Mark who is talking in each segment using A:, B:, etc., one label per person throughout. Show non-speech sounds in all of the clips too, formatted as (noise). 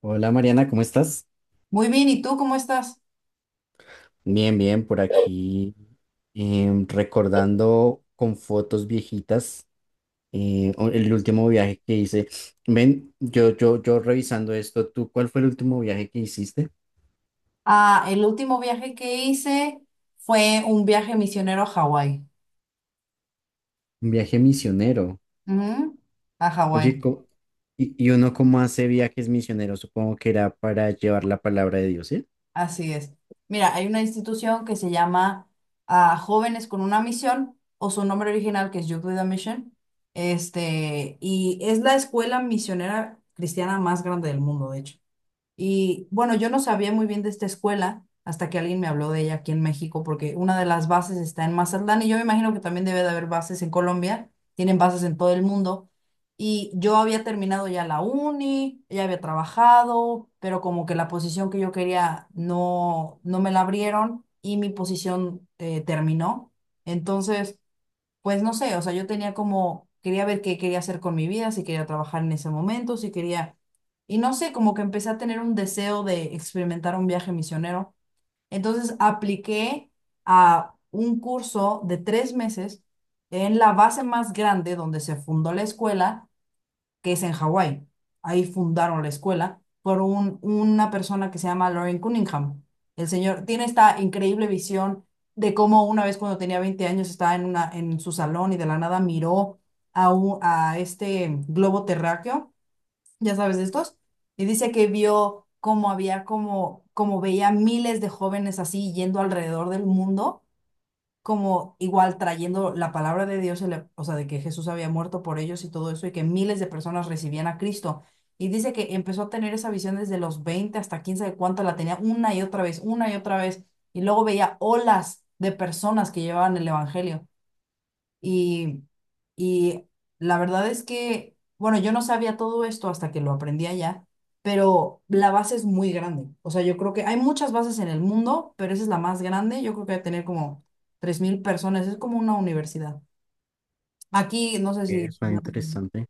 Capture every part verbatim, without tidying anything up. A: Hola Mariana, ¿cómo estás?
B: Muy bien, ¿y tú cómo estás?
A: Bien, bien, por aquí em, recordando con fotos viejitas eh, o- el último viaje que hice. Ven, yo, yo, yo revisando esto, ¿tú cuál fue el último viaje que hiciste?
B: Ah, el último viaje que hice fue un viaje misionero a Hawái.
A: Un viaje misionero.
B: Ujú. A Hawái,
A: Oye, co- y, y uno cómo hace viajes misioneros? Supongo que era para llevar la palabra de Dios, ¿sí?
B: así es. Mira, hay una institución que se llama ah, Jóvenes con una Misión, o su nombre original, que es Youth with a Mission. Este, y es la escuela misionera cristiana más grande del mundo, de hecho. Y bueno, yo no sabía muy bien de esta escuela hasta que alguien me habló de ella aquí en México, porque una de las bases está en Mazatlán y yo me imagino que también debe de haber bases en Colombia, tienen bases en todo el mundo. Y yo había terminado ya la uni, ya había trabajado, pero como que la posición que yo quería no, no me la abrieron y mi posición eh, terminó. Entonces... Pues no sé, o sea, yo tenía como, quería ver qué quería hacer con mi vida, si quería trabajar en ese momento, si quería, y no sé, como que empecé a tener un deseo de experimentar un viaje misionero. Entonces apliqué a un curso de tres meses en la base más grande donde se fundó la escuela, que es en Hawái. Ahí fundaron la escuela por un- una persona que se llama Lauren Cunningham. El señor tiene esta increíble visión de cómo una vez, cuando tenía veinte años, estaba en, una, en su salón y de la nada miró a, u- a este globo terráqueo, ya sabes, de estos, y dice que vio cómo había como, como veía miles de jóvenes así yendo alrededor del mundo, como igual trayendo la palabra de Dios, el- o sea, de que Jesús había muerto por ellos y todo eso, y que miles de personas recibían a Cristo. Y dice que empezó a tener esa visión desde los veinte hasta quién sabe cuánto, la tenía una y otra vez, una y otra vez, y luego veía olas de personas que llevaban el Evangelio. Y, y la verdad es que, bueno, yo no sabía todo esto hasta que lo aprendí allá, pero la base es muy grande. O sea, yo creo que hay muchas bases en el mundo, pero esa es la más grande. Yo creo que va a tener como tres mil personas. Es como una universidad. Aquí, no sé si...
A: Eh, suena interesante.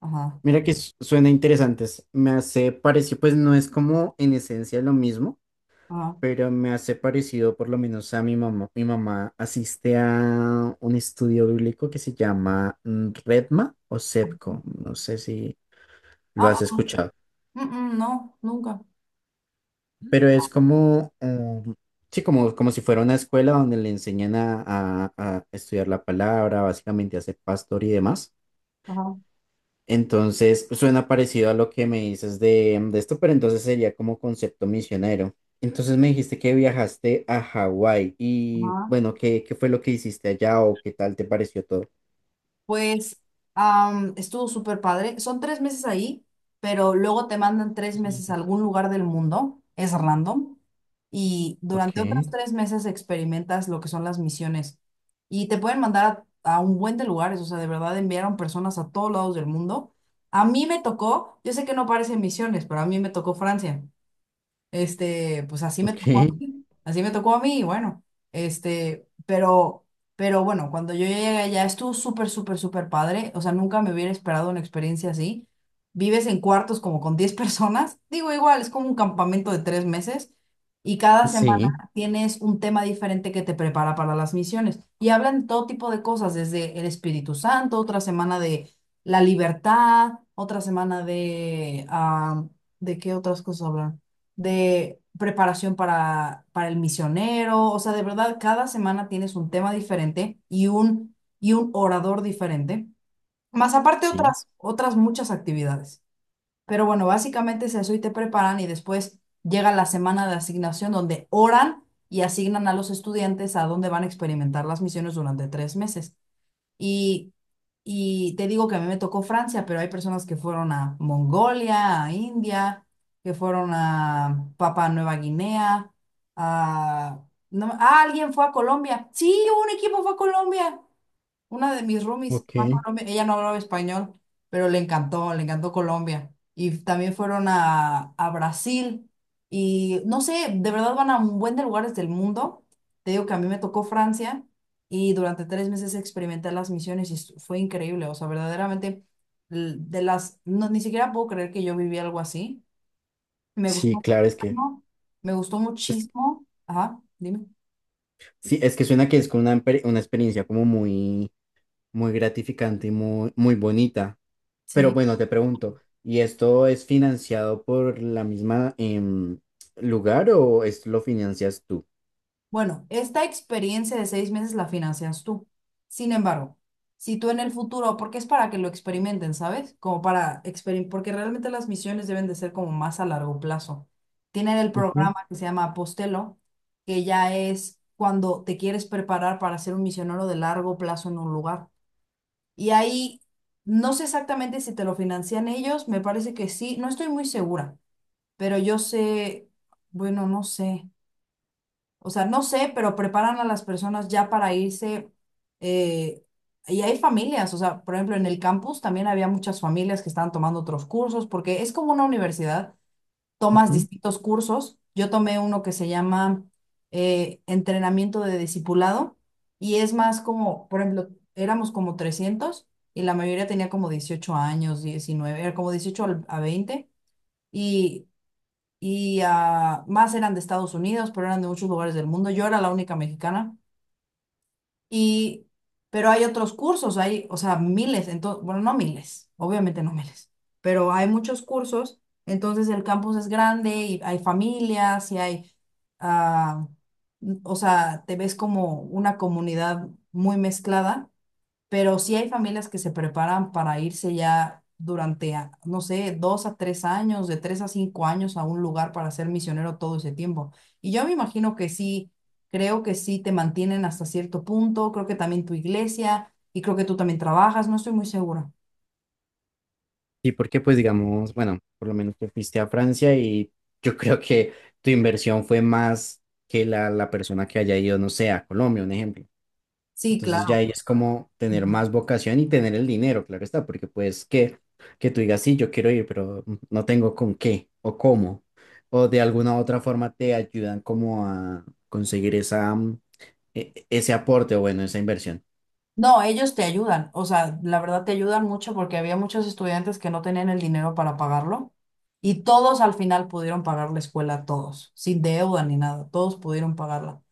B: Ajá,
A: Mira que su- suena interesante, es- me hace parecer, pues no es como en esencia lo mismo,
B: ajá.
A: pero me hace parecido por lo menos a mi mamá. Mi mamá asiste a un estudio bíblico que se llama mm, Redma o SEPCO, no sé si lo
B: Ah,
A: has
B: ah,
A: escuchado,
B: mm, mm, no, nunca.
A: pero es como, mm, sí, como, como si fuera una escuela donde le enseñan a, a- a estudiar la palabra, básicamente a ser pastor y demás.
B: Ajá,
A: Entonces, pues, suena parecido a lo que me dices de, de esto, pero entonces sería como concepto misionero. Entonces me dijiste que viajaste a Hawái y
B: ajá.
A: bueno, ¿qué, qué fue lo que hiciste allá o qué tal te pareció todo?
B: Pues am, estuvo súper padre. Son tres meses ahí, pero luego te mandan tres
A: Pues, me
B: meses a
A: dices,
B: algún lugar del mundo. Es random. Y
A: ok,
B: durante otros tres meses experimentas lo que son las misiones. Y te pueden mandar a, a un buen de lugares. O sea, de verdad enviaron personas a todos lados del mundo. A mí me tocó, yo sé que no parecen misiones, pero a mí me tocó Francia. Este, pues así me
A: ok,
B: tocó a mí, así me tocó a mí, y bueno, este, pero, pero bueno, cuando yo llegué allá estuvo súper, súper, súper padre, o sea, nunca me hubiera esperado una experiencia así. Vives en cuartos como con diez (laughs) personas, digo, igual, es como un campamento de tres meses, y cada semana
A: sí,
B: tienes un tema diferente que te prepara para las misiones y hablan de todo tipo de cosas, desde el Espíritu Santo, otra semana de la libertad, otra semana de, ah, ¿de qué otras cosas hablan? De preparación para, para el misionero, o sea, de verdad, cada semana tienes un tema diferente y un, y un orador diferente, más aparte
A: sí,
B: otras, otras muchas actividades. Pero bueno, básicamente es eso y te preparan y después llega la semana de asignación donde oran y asignan a los estudiantes a dónde van a experimentar las misiones durante tres meses. Y, y te digo que a mí me tocó Francia, pero hay personas que fueron a Mongolia, a India, que fueron a Papua Nueva Guinea, a... no me- ah, alguien fue a Colombia. Sí, un equipo fue a Colombia. Una de mis roomies fue a
A: ok,
B: Colombia, ella no hablaba español, pero le encantó, le encantó Colombia. Y también fueron a, a Brasil. Y no sé, de verdad van a un buen de lugares del mundo. Te digo que a mí me tocó Francia y durante tres meses experimenté las misiones y estu- fue increíble. O sea, verdaderamente, l- de las, no, ni siquiera puedo creer que yo viví algo así. Me gustó
A: sí, claro, es
B: muchísimo,
A: que,
B: ¿no? Me gustó
A: es-
B: muchísimo. Ajá, dime.
A: sí, es que suena que es como una, emper- una experiencia como muy, muy gratificante y muy, muy bonita. Pero bueno, te pregunto, ¿y esto es financiado por la misma em, lugar o es, lo financias tú?
B: Bueno, esta experiencia de seis meses la financias tú. Sin embargo, si tú en el futuro, porque es para que lo experimenten, ¿sabes? Como para experimentar, porque realmente las misiones deben de ser como más a largo plazo. Tienen el
A: Ujú,
B: programa que se llama Apostelo, que ya es cuando te quieres preparar para ser un misionero de largo plazo en un lugar. Y ahí, no sé exactamente si te lo financian ellos, me parece que sí, no estoy muy segura, pero yo sé, bueno, no sé. O sea, no sé, pero preparan a las personas ya para irse. eh, y hay familias, o sea, por ejemplo, en el campus también había muchas familias que estaban tomando otros cursos, porque es como una universidad, tomas
A: ujú.
B: distintos cursos. Yo tomé uno que se llama eh, entrenamiento de discipulado y es más como, por ejemplo, éramos como trescientos y la mayoría tenía como dieciocho años, diecinueve, era como dieciocho al- a veinte. Y y ah, más eran de Estados Unidos, pero eran de muchos lugares del mundo. Yo era la única mexicana y pero hay otros cursos, hay, o sea, miles, entonces, bueno, no miles, obviamente no miles, pero hay muchos cursos, entonces el campus es grande y hay familias y hay ah, o sea, te ves como una comunidad muy mezclada, pero sí hay familias que se preparan para irse ya durante, a- no sé, dos a tres años, de tres a cinco años, a un lugar para ser misionero todo ese tiempo. Y yo me imagino que sí, creo que sí te mantienen hasta cierto punto, creo que también tu iglesia y creo que tú también trabajas, no estoy muy segura.
A: Sí, porque pues digamos, bueno, por lo menos te fuiste a Francia y yo (laughs) creo que tu inversión fue más que la, la persona que haya ido, no sé, a Colombia, un ejemplo.
B: Sí,
A: Entonces ya
B: claro.
A: ahí es como tener
B: Ujú.
A: más vocación y tener el dinero, claro está, porque pues que, que tú digas, sí, yo quiero ir, pero no tengo con qué o cómo, o de alguna otra forma te ayudan como a conseguir esa, mm, e- ese aporte o bueno, esa inversión.
B: No, ellos te ayudan, o sea, la verdad te ayudan mucho porque había muchos estudiantes que no tenían el dinero para pagarlo y todos al final pudieron pagar la escuela, todos, sin deuda ni nada, todos pudieron pagarla.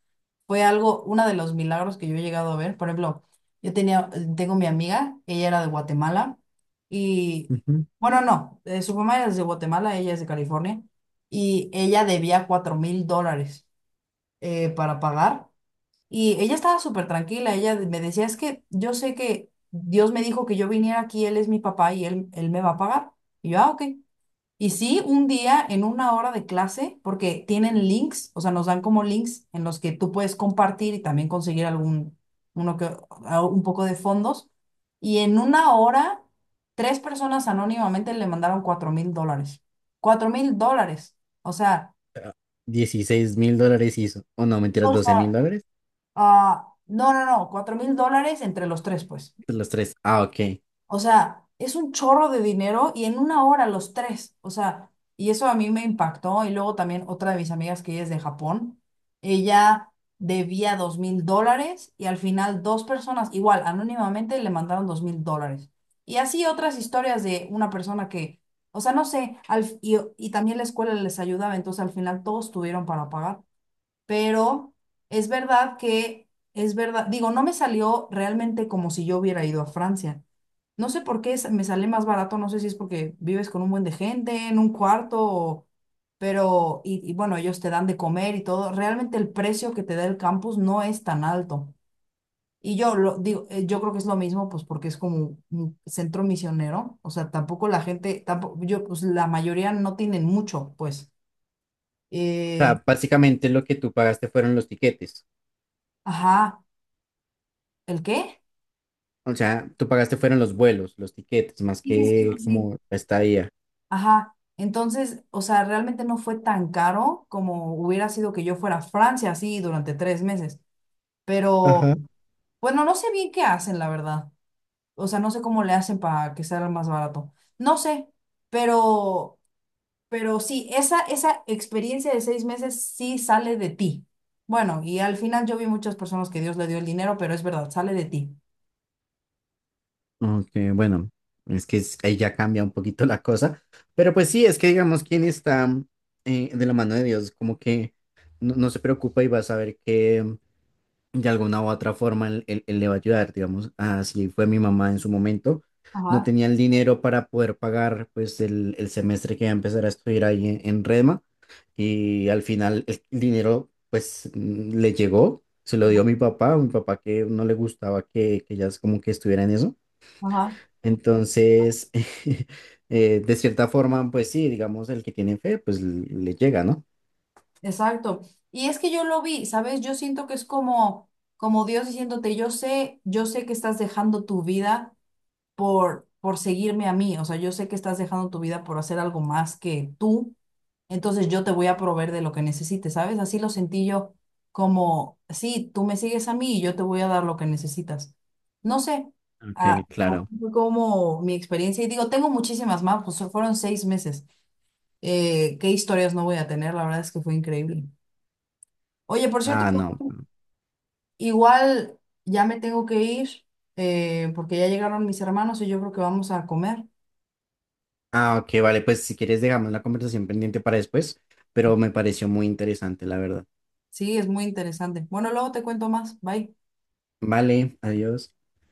B: Fue algo, uno de los milagros que yo he llegado a ver. Por ejemplo, yo tenía, tengo mi amiga, ella era de Guatemala y,
A: Ujú.
B: bueno, no, eh, su mamá es de Guatemala, ella es de California y ella debía cuatro mil dólares eh, para pagar y ella estaba súper tranquila. Ella de- me decía, es que yo sé que Dios me dijo que yo viniera aquí, él es mi papá y él, él me va a pagar. Y yo, ah, ok. Y sí, un día en una hora de clase, porque tienen links, o sea, nos dan como links en los que tú puedes compartir y también conseguir algún, uno que, a- un poco de fondos. Y en una hora, tres personas anónimamente le mandaron cuatro mil dólares. Cuatro mil dólares. O sea,
A: dieciséis mil dólares hizo, o no, mentiras,
B: o
A: doce mil
B: sea,
A: dólares,
B: ah, no, no, no, cuatro mil dólares entre los tres, pues.
A: los tres. Ah, ok.
B: O sea, es un chorro de dinero y en una hora los tres. O sea, y eso a mí me impactó. Y luego también otra de mis amigas que ella es de Japón, ella debía dos mil dólares y al final dos personas, igual, anónimamente le mandaron dos mil dólares. Y así otras historias de una persona que, o sea, no sé, al- y, y también la escuela les ayudaba, entonces al final todos tuvieron para pagar. Pero es verdad que, es verdad, digo, no me salió realmente como si yo hubiera ido a Francia, no sé por qué sa- me sale más barato, no sé si es porque vives con un buen de gente, en un cuarto, o- pero, y, y bueno, ellos te dan de comer y todo. Realmente el precio que te da el campus no es tan alto. Y yo lo digo, eh, yo creo que es lo mismo, pues porque es como un centro misionero, o sea, tampoco la gente, tampoco, yo, pues la mayoría no tienen mucho, pues.
A: O
B: Eh,
A: sea, básicamente lo que tú pagaste fueron los tiquetes,
B: ajá, ¿el qué?
A: o sea, tú pagaste fueron los vuelos, los tiquetes, más
B: Sí, sí, sí,
A: que
B: sí.
A: como la estadía.
B: Ajá, entonces, o sea, realmente no fue tan caro como hubiera sido que yo fuera a Francia así durante tres meses, pero bueno, no sé bien qué hacen, la verdad. O sea, no sé cómo le hacen para que sea más barato. No sé, pero, pero sí, esa, esa experiencia de seis meses sí sale de ti. Bueno, y al final yo vi muchas personas que Dios le dio el dinero, pero es verdad, sale de ti.
A: Ok, bueno, es que es- ahí ya cambia un poquito la cosa, pero pues sí, es que digamos, quien está mm, eh, de la mano de Dios, como que no, no se preocupa y va a saber que mm, de alguna u otra forma él, él- él le va a ayudar, digamos, así fue mi mamá en su momento, no
B: Ajá,
A: tenía el dinero para poder pagar pues el, el semestre que iba a empezar a estudiar ahí en, en Redma y al final el dinero pues mm, le llegó, se lo dio a mi papá, a mi papá que no le gustaba que, que ella como que estuviera en eso.
B: ajá.
A: Entonces, (laughs) eh, de cierta forma, pues sí, digamos, el que tiene fe, pues l- le llega, ¿no?
B: Exacto. Y es que yo lo vi, ¿sabes? Yo siento que es como, como Dios diciéndote, yo sé, yo sé que estás dejando tu vida por, por seguirme a mí, o sea, yo sé que estás dejando tu vida por hacer algo más que tú, entonces yo te voy a proveer de lo que necesites, ¿sabes? Así lo sentí yo, como, sí, tú me sigues a mí y yo te voy a dar lo que necesitas. No sé, ah,
A: Ok, claro.
B: fue como mi experiencia, y digo, tengo muchísimas más, pues fueron seis meses. Eh, qué historias no voy a tener, la verdad es que fue increíble. Oye, por cierto,
A: Ah, no.
B: igual ya me tengo que ir eh, porque ya llegaron mis hermanos y yo creo que vamos a comer.
A: Ah, ok, vale, pues si quieres dejamos la conversación pendiente para después, pero me pareció muy interesante, la verdad.
B: Sí, es muy interesante. Bueno, luego te cuento más. Bye.
A: Vale, adiós.